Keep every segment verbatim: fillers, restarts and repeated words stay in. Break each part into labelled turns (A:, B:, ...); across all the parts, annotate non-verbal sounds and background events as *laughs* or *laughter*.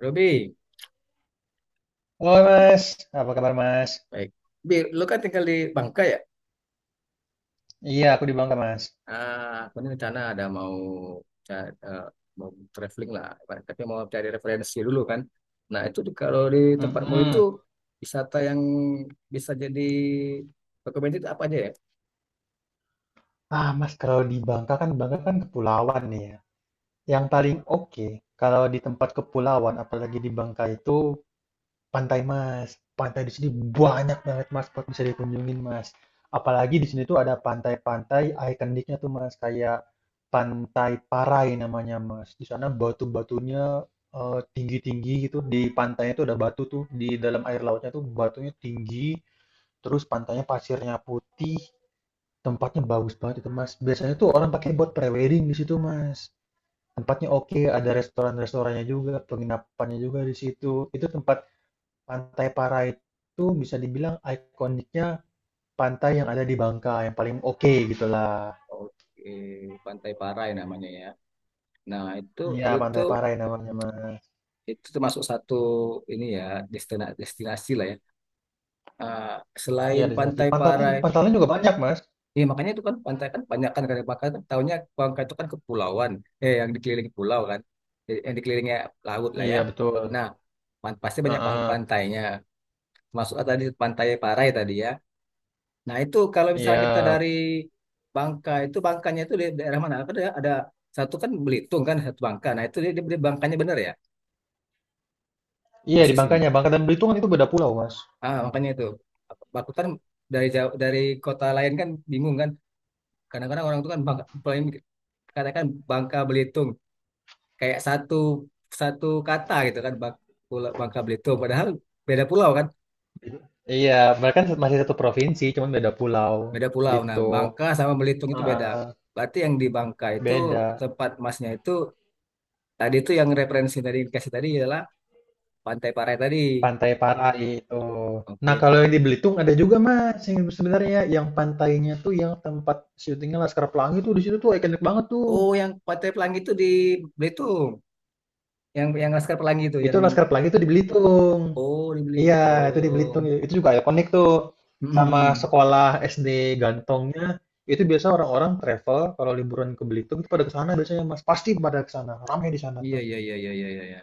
A: Robi,
B: Halo Mas, apa kabar Mas?
A: baik. Bi, lu kan tinggal di Bangka ya?
B: Iya, aku di Bangka Mas.
A: Ah, aku ini rencana ada mau ca- eh, mau traveling lah, tapi mau cari referensi dulu kan. Nah, itu di- kalau di tempatmu itu
B: Mm-mm.
A: wisata yang bisa jadi rekomendasi itu apa aja ya?
B: Ah Mas, kalau di Bangka kan Bangka kan kepulauan nih ya. Yang paling oke kalau di tempat kepulauan, apalagi di Bangka itu pantai Mas. Pantai di sini banyak banget Mas buat bisa dikunjungin Mas. Apalagi di sini tuh ada pantai-pantai ikoniknya tuh Mas, kayak Pantai Parai namanya Mas. Di sana batu-batunya eh, tinggi-tinggi gitu. Di pantainya tuh ada batu tuh di dalam air lautnya tuh batunya tinggi, terus pantainya pasirnya putih, tempatnya bagus banget itu Mas. Biasanya tuh orang pakai buat prewedding di situ Mas. Tempatnya oke, ada restoran-restorannya juga, penginapannya juga di situ itu. Tempat pantai Parai itu bisa dibilang ikoniknya pantai yang ada di Bangka yang paling oke gitulah.
A: Oke, Pantai Parai namanya ya. Nah, itu
B: Iya
A: itu
B: pantai Parai namanya Mas.
A: itu termasuk satu ini ya, destina- destinasi lah ya. Ah,
B: Iya
A: selain
B: di sana sih
A: Pantai
B: pantai,
A: Parai.
B: pantainya juga banyak Mas.
A: Iya makanya itu kan pantai kan banyak kan, kalau bakar kan tahunya Bangka itu kan kepulauan, eh yang dikelilingi pulau kan. Jadi, yang dikelilingi laut lah ya.
B: Iya betul.
A: Nah, pan- pasti banyak pang-
B: Heeh.
A: pantainya, masuk kan tadi Pantai Parai tadi ya. Nah, itu kalau misalnya
B: Iya.
A: kita dari Bangka itu, Bangkanya itu di daerah mana? Kan ada ada satu kan Belitung, kan satu Bangka. Nah, itu dia, dia dia Bangkanya benar ya
B: Iya di
A: posisinya.
B: Bangkanya, Bangka dan Belitung kan itu beda pulau Mas.
A: Ah makanya itu aku kan dari jauh, dari kota lain kan bingung kan. Kadang-kadang orang itu kan Bangka, paling- katakan Bangka Belitung kayak satu satu kata gitu kan. Bang- Pulau- Bangka Belitung, padahal beda pulau kan.
B: Iya, mereka kan masih satu provinsi, cuman beda pulau
A: Beda pulau. Nah,
B: gitu.
A: Bangka sama Belitung itu beda.
B: Heeh,
A: Berarti yang di Bangka itu
B: beda.
A: tempat masnya itu tadi, itu yang referensi tadi dikasih tadi adalah Pantai Parai tadi.
B: Pantai Parai itu. Nah,
A: Oke.
B: kalau yang di Belitung ada juga Mas, yang sebenarnya yang pantainya tuh yang tempat syutingnya Laskar Pelangi tuh di situ tuh ikonik banget tuh.
A: Oh, yang Pantai Pelangi itu di Belitung, yang yang Laskar Pelangi itu
B: Itu
A: yang
B: Laskar Pelangi tuh di Belitung.
A: oh, di
B: Iya, itu di
A: Belitung.
B: Belitung. Itu juga ikonik tuh. Sama
A: *laughs*
B: sekolah S D Gantongnya itu biasa orang-orang travel kalau liburan ke Belitung itu pada ke sana biasanya Mas. Pasti pada ke sana. Ramai di sana
A: Iya,
B: tuh.
A: iya, iya, iya, iya, iya.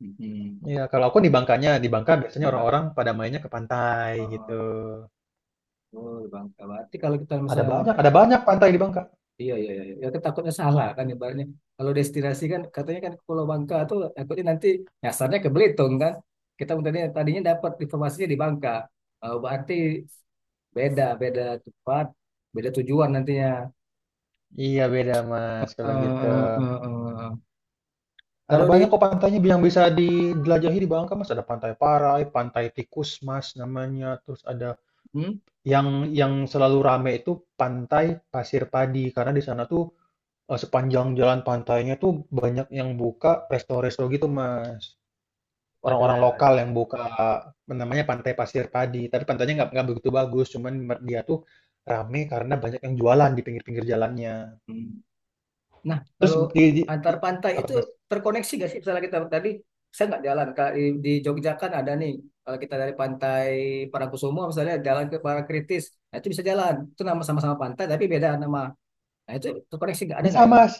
A: Hmm.
B: Iya, kalau aku di Bangkanya, di Bangka biasanya
A: di Bang
B: orang-orang pada mainnya ke pantai
A: Oh,
B: gitu.
A: oh. Oh, di Bangka berarti kalau kita
B: Ada
A: misalnya
B: banyak, ada banyak pantai di Bangka.
A: iya, iya, iya, iya. Ya, kan takutnya salah kan, ibaratnya. Kalau destinasi kan katanya kan ke Pulau Bangka tuh, takutnya nanti nyasarnya ke Belitung kan. Kita tadinya, tadinya dapat informasinya di Bangka. Eh, berarti beda, beda tempat, beda tujuan nantinya.
B: Iya beda
A: Eh,
B: Mas kalau gitu.
A: eh, eh, eh.
B: Ada
A: Kalau di,
B: banyak kok pantainya yang bisa dijelajahi di Bangka Mas. Ada Pantai Parai, Pantai Tikus Mas namanya. Terus ada
A: hmm,
B: yang yang selalu rame itu Pantai Pasir Padi, karena di sana tuh eh, sepanjang jalan pantainya tuh banyak yang buka resto-resto gitu Mas. Orang-orang
A: adalah,
B: lokal yang buka, apa namanya, Pantai Pasir Padi. Tapi pantainya nggak nggak begitu bagus, cuman mer- dia tuh rame karena banyak yang jualan di pinggir-pinggir jalannya.
A: nah,
B: Terus
A: kalau
B: di, di-
A: antar
B: di-
A: pantai
B: apa
A: itu
B: Mas?
A: terkoneksi gak sih? Misalnya kita tadi, saya nggak jalan. Kalau Di, di Jogja kan ada nih, kalau kita dari Pantai Parangkusumo misalnya jalan ke Parangkritis, nah itu bisa jalan. Itu nama sama-sama pantai, tapi beda nama. Nah itu terkoneksi nggak, ada nggak
B: Bisa
A: ya?
B: Mas,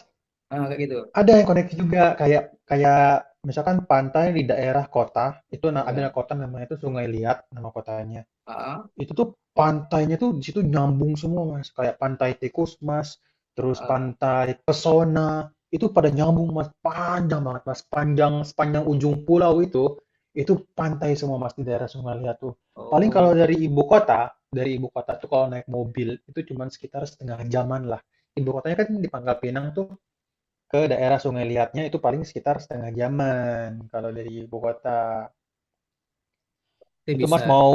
A: Ah, kayak gitu.
B: ada yang koneksi juga kayak kayak misalkan pantai di daerah kota itu na- ada
A: Ya.
B: kota namanya itu Sungai Liat nama kotanya.
A: Ah, ah,
B: Itu tuh pantainya tuh di situ nyambung semua, Mas. Kayak pantai tikus, Mas, terus
A: ah.
B: pantai pesona, itu pada nyambung, Mas. Panjang banget, Mas. Panjang sepanjang ujung pulau itu, itu pantai semua, Mas, di daerah Sungai Liat tuh. Paling kalau
A: Oh,
B: dari ibu kota, dari ibu kota tuh kalau naik mobil itu cuman sekitar setengah jaman lah. Ibu kotanya kan di Pangkal Pinang tuh, ke daerah Sungai Liatnya itu paling sekitar setengah jaman kalau dari ibu kota.
A: itu
B: Itu
A: bisa.
B: Mas mau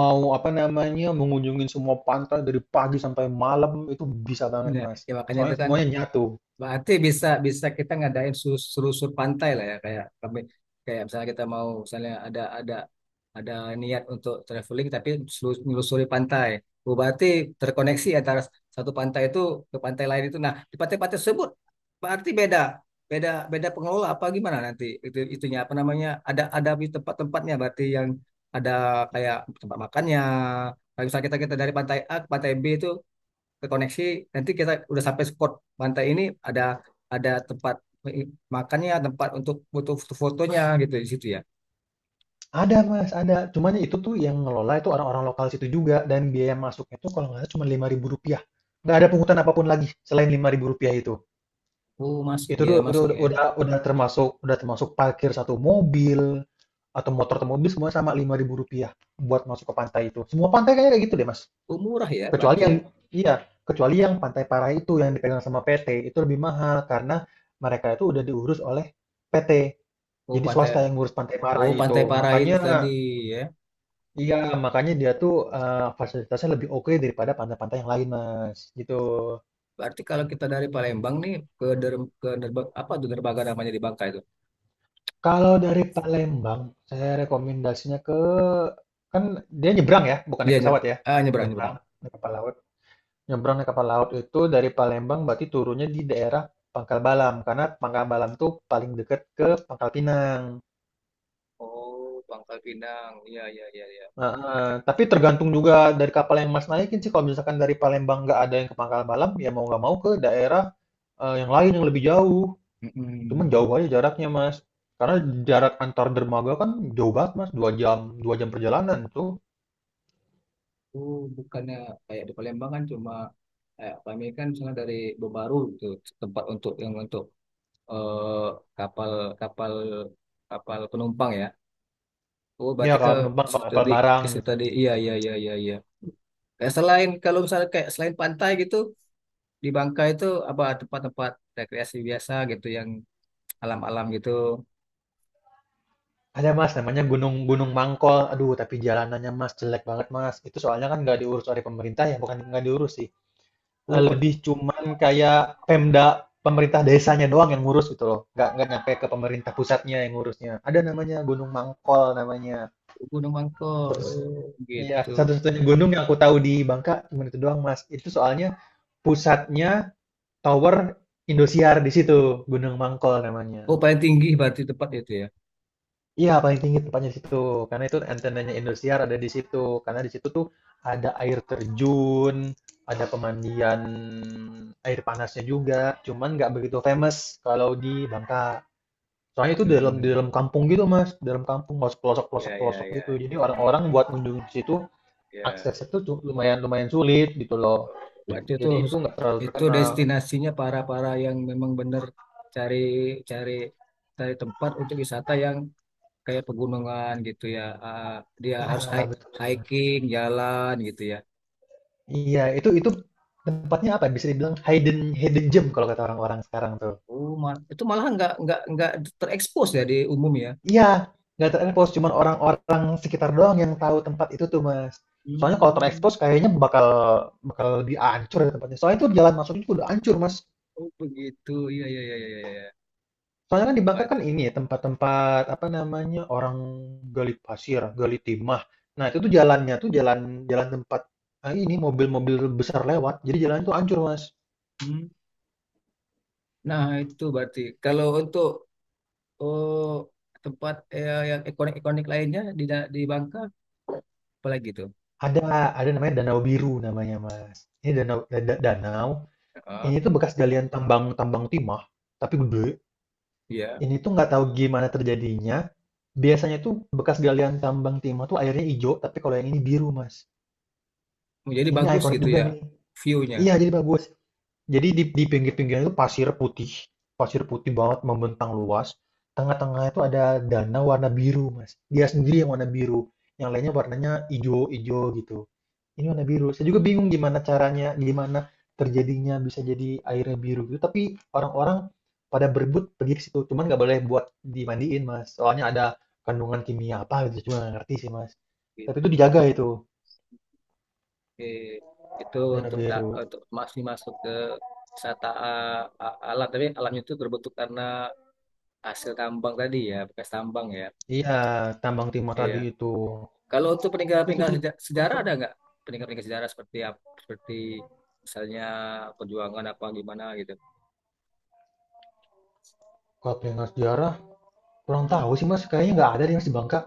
B: mau apa namanya mengunjungi semua pantai dari pagi sampai malam itu bisa banget
A: Ya,
B: Mas.
A: ya makanya
B: Soalnya
A: itu kan
B: semuanya nyatu.
A: berarti bisa bisa kita ngadain sus- selusur pantai lah ya, kayak kami kayak misalnya kita mau, misalnya ada ada ada niat untuk traveling tapi selus- menelusuri pantai. Oh, berarti terkoneksi antara satu pantai itu ke pantai lain itu. Nah, di pantai-pantai tersebut berarti beda beda beda pengelola apa gimana nanti itu, itunya apa namanya ada ada di tempat-tempatnya berarti yang ada kayak tempat makannya. Kalau misalnya kita kita dari pantai A ke pantai B itu ke koneksi, nanti kita udah sampai spot pantai ini, ada ada tempat makannya, tempat untuk butuh fotonya gitu di situ ya.
B: Ada Mas, ada. Cuman itu tuh yang ngelola itu orang-orang lokal situ juga, dan biaya masuknya tuh kalau nggak salah cuma lima ribu rupiah. Nggak ada pungutan apapun lagi selain lima ribu rupiah itu.
A: Oh, mas,
B: Itu
A: biaya
B: udah, udah,
A: masuknya
B: udah, udah termasuk, udah termasuk parkir satu mobil atau motor atau mobil, semua sama lima ribu rupiah buat masuk ke pantai itu. Semua pantai kayaknya kayak gitu deh Mas.
A: oh murah ya
B: Kecuali
A: berarti
B: yang
A: ya.
B: iya, kecuali yang Pantai Parai itu yang dipegang sama P T, itu lebih mahal karena mereka itu udah diurus oleh P T.
A: oh
B: Jadi
A: pantai
B: swasta yang ngurus Pantai
A: oh,
B: Parai
A: Pantai
B: itu.
A: Parai itu tadi
B: Makanya
A: ya.
B: iya, makanya dia tuh eh, fasilitasnya lebih oke daripada pantai-pantai yang lain, Mas. Gitu.
A: Berarti kalau kita dari Palembang nih ke der, ke Derba- apa tuh derbaga namanya di Bangka itu?
B: Kalau dari Palembang, saya rekomendasinya ke, kan dia nyebrang ya, bukan
A: Iya,
B: naik
A: nye-
B: pesawat ya.
A: ah, nyebrang,
B: Nyebrang
A: nyebrang.
B: naik kapal laut. Nyebrang naik kapal laut itu dari Palembang berarti turunnya di daerah Pangkal Balam, karena Pangkal Balam tuh paling deket ke Pangkal Pinang.
A: Oh, Bangka Pinang, iya, iya, iya, iya.
B: Heeh, tapi tergantung juga dari kapal yang Mas naikin sih. Kalau misalkan dari Palembang nggak ada yang ke Pangkal Balam, ya mau nggak mau ke daerah eh, yang lain yang lebih jauh. Cuman
A: Mm-mm.
B: jauh aja jaraknya, Mas. Karena jarak antar dermaga kan jauh banget, Mas. Dua jam, dua jam perjalanan tuh.
A: Oh, bukannya kayak di Palembang kan cuma kayak kami kan misalnya dari Bobaru gitu tempat untuk, yang untuk, eh, kapal, kapal kapal penumpang ya. Oh,
B: Ya
A: berarti ke
B: kalau penumpang
A: situ
B: kapal
A: tadi,
B: barang
A: ke situ
B: gitu.
A: tadi. Iya, iya, iya, iya, iya. Kayak selain kalau misalnya kayak selain pantai gitu di Bangka itu apa tempat-tempat rekreasi biasa gitu yang alam-alam gitu?
B: Ada Mas, namanya Gunung Gunung Mangkol. Aduh, tapi jalanannya Mas jelek banget Mas. Itu soalnya kan nggak diurus oleh pemerintah ya, bukan nggak diurus sih. Eh,
A: Oh, pe-
B: lebih cuman kayak Pemda, pemerintah desanya doang yang ngurus gitu loh. Nggak nggak nyampe ke pemerintah pusatnya yang ngurusnya. Ada namanya Gunung Mangkol namanya.
A: Gunung Mangkok,
B: Terus
A: oh,
B: iya,
A: gitu.
B: satu-satunya gunung yang aku tahu di Bangka cuma itu doang, Mas. Itu soalnya pusatnya Tower Indosiar di situ, Gunung Mangkol namanya.
A: Oh, paling tinggi berarti tempat itu ya.
B: Iya paling tinggi tempatnya di situ, karena itu antenanya Indosiar ada di situ, karena di situ tuh ada air terjun, ada pemandian air panasnya juga, cuman nggak begitu famous kalau di Bangka. Soalnya itu di dalam, di
A: Mm-mm.
B: dalam kampung gitu Mas, di dalam kampung harus pelosok pelosok
A: Ya, ya,
B: pelosok gitu.
A: ya,
B: Jadi orang-orang buat mengunjungi ke situ
A: ya.
B: aksesnya tuh cu- lumayan lumayan sulit gitu loh.
A: Berarti itu
B: Jadi itu nggak terlalu
A: itu
B: terkenal.
A: destinasinya para-para yang memang benar cari, cari cari tempat untuk wisata yang kayak pegunungan gitu ya. Ah, dia harus
B: Iya
A: hi-
B: betul.
A: hiking, jalan gitu ya.
B: Iya itu itu tempatnya apa ya? Bisa dibilang hidden hidden gem kalau kata orang-orang sekarang tuh.
A: Oh, ma- itu malah nggak nggak nggak terekspos ya di umum ya.
B: Iya, nggak terekspos, cuman orang-orang sekitar doang yang tahu tempat itu tuh, Mas. Soalnya kalau
A: Hmm,
B: terekspos kayaknya bakal bakal lebih hancur ya tempatnya. Soalnya itu jalan masuknya juga udah hancur, Mas.
A: oh begitu. Iya, iya, iya, iya, iya.
B: Soalnya kan di
A: Pak
B: Bangka kan
A: itu.
B: ini ya, tempat-tempat apa namanya orang gali pasir, gali timah. Nah itu tuh jalannya tuh jalan jalan tempat ah, ini mobil-mobil besar lewat. Jadi jalan itu hancur, Mas.
A: Hmm. Nah itu berarti kalau untuk oh, tempat, eh, yang ikonik-ikonik lainnya di da- di Bangka apalagi tuh?
B: Ada ada namanya Danau Biru namanya, Mas. Ini danau da- da- danau
A: Ah.
B: ini tuh bekas galian tambang tambang timah tapi gede.
A: Iya,
B: Ini tuh nggak tahu gimana terjadinya, biasanya tuh bekas galian tambang timah tuh airnya hijau, tapi kalau yang ini biru, Mas.
A: jadi
B: Ini
A: bagus
B: ikonik
A: gitu
B: juga
A: ya
B: nih.
A: view-nya
B: Iya, jadi bagus. Jadi di, di pinggir-pinggirnya itu pasir putih. Pasir putih banget membentang luas. Tengah tengah itu ada danau warna biru, Mas. Dia sendiri yang warna biru. Yang lainnya warnanya hijau-hijau gitu. Ini warna biru. Saya juga bingung gimana caranya, gimana terjadinya bisa jadi airnya biru gitu. Tapi orang-orang pada berebut pergi ke situ. Cuman nggak boleh buat dimandiin, Mas. Soalnya ada kandungan kimia apa gitu. Cuma nggak ngerti sih, Mas. Tapi itu dijaga
A: gitu.
B: itu,
A: Oke. Itu
B: dana
A: untuk da-
B: biru.
A: untuk masih masuk ke wisata a- a- alam, tapi alamnya itu berbentuk karena hasil tambang tadi ya, bekas tambang ya.
B: Iya, tambang timah
A: Iya.
B: tadi itu.
A: Kalau untuk
B: Itu
A: peninggalan-peninggalan
B: sih
A: seja-
B: di
A: sejarah ada
B: Bangka.
A: nggak? Peninggalan-peninggalan sejarah seperti ap- seperti misalnya perjuangan apa gimana gitu.
B: Kalau pengen sejarah, kurang
A: Hmm.
B: tahu sih, Mas. Kayaknya nggak ada di Mas di Bangka.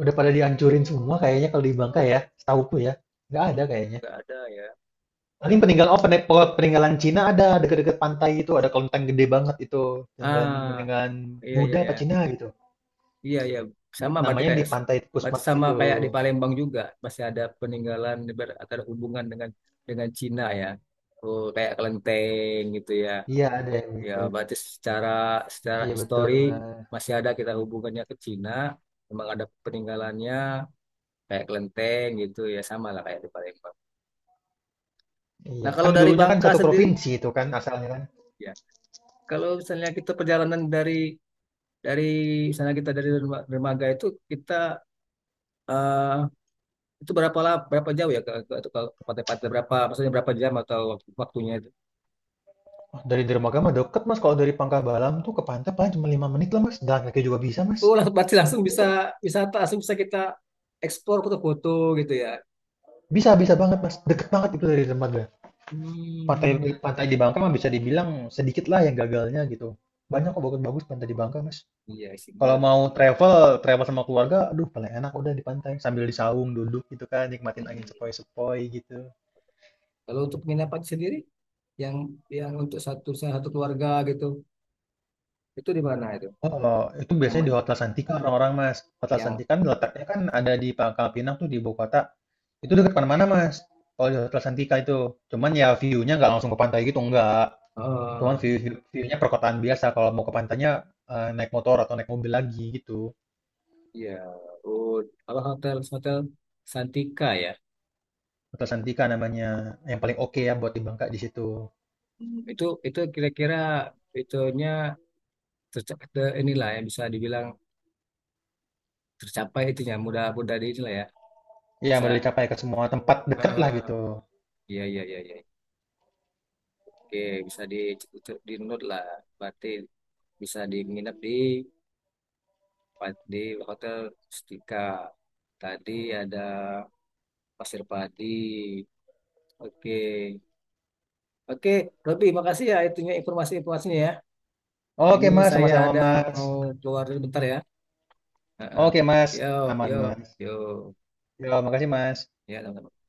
B: Udah pada dihancurin semua kayaknya kalau di Bangka ya. Setauku ya. Nggak ada
A: Hmm.
B: kayaknya.
A: Nggak ada ya.
B: Paling peninggalan, oh pene- pe- peninggalan Cina ada, dekat-dekat pantai itu ada kelenteng gede banget itu, peninggalan
A: Ah,
B: peninggalan
A: iya, iya,
B: Buddha
A: ya.
B: apa Cina gitu
A: Iya, iya. Sama berarti
B: namanya, di
A: kayak,
B: pantai
A: berarti
B: Pusmas
A: sama
B: gitu.
A: kayak di Palembang juga masih ada peninggalan ber- atau ada hubungan dengan dengan Cina ya. Oh, kayak kelenteng gitu ya.
B: Iya ada yang
A: Ya,
B: gitu.
A: berarti secara secara
B: Iya betul.
A: histori
B: Nah,
A: masih ada kita hubungannya ke Cina. Memang ada peninggalannya kayak kelenteng gitu ya, sama lah kayak di Palembang. Nah,
B: iya
A: kalau
B: kan
A: dari
B: dulunya kan
A: Bangka
B: satu
A: sendiri
B: provinsi itu kan asalnya kan.
A: ya. Kalau misalnya kita perjalanan dari dari misalnya kita dari Derma- dermaga itu kita, eh, itu berapa lah, berapa jauh ya ke ke, ke, ke Pantai Pantai berapa, maksudnya berapa jam atau waktu- waktunya itu?
B: Wah, dari Dermaga mah deket Mas, kalau dari Pangkabalam tuh ke pantai paling cuma lima menit lah Mas, jalan kaki juga bisa Mas.
A: Oh, langsung berarti langsung
B: Deket.
A: bisa wisata, langsung bisa kita eksplor foto-foto gitu ya.
B: Bisa, bisa banget Mas, deket banget itu dari Dermaga. Pantai
A: Hmm,
B: pantai di Bangka mah bisa dibilang sedikit lah yang gagalnya gitu, banyak kok bagus-bagus pantai di Bangka Mas.
A: iya sih.
B: Kalau
A: Bar-
B: mau travel, travel sama keluarga, aduh paling enak udah di pantai sambil di saung duduk gitu kan, nikmatin angin
A: Mm-mm.
B: sepoi-sepoi gitu.
A: Kalau untuk penginapan sendiri, yang yang untuk satu satu keluarga gitu, itu di mana itu?
B: Oh, kalau itu biasanya di
A: Nama
B: Hotel Santika orang-orang Mas. Hotel
A: yang
B: Santika kan letaknya kan ada di Pangkal Pinang tuh di ibu kota. Itu dekat mana-mana Mas. Kalau di Hotel Santika itu, cuman ya view-nya nggak langsung ke pantai gitu enggak. Cuman
A: Oh,
B: view, view, nya perkotaan biasa. Kalau mau ke pantainya eh, naik motor atau naik mobil lagi gitu.
A: iya, oh, apa, hotel hotel Santika ya.
B: Hotel Santika namanya, yang paling oke ya buat di Bangka di situ.
A: Hmm. Itu itu kira-kira itunya terca- te- inilah yang bisa dibilang tercapai itunya mudah-mudah di inilah ya
B: Iya,
A: bisa,
B: udah dicapai ke semua tempat deket lah
A: eh,
B: gitu.
A: iya, iya, iya, iya, oke, bisa di di note lah berarti, bisa di nginep di di hotel Stika tadi, ada Pasir Padi, oke, oke, Robi, makasih ya itunya informasi-informasinya ya, ini
B: Oke Mas,
A: saya
B: sama-sama
A: ada
B: Mas.
A: mau keluar dulu bentar ya. Eh, eh.
B: Oke Mas,
A: Yo,
B: aman
A: yo,
B: Mas.
A: yo.
B: Ya, makasih Mas.
A: Ya, teman-teman.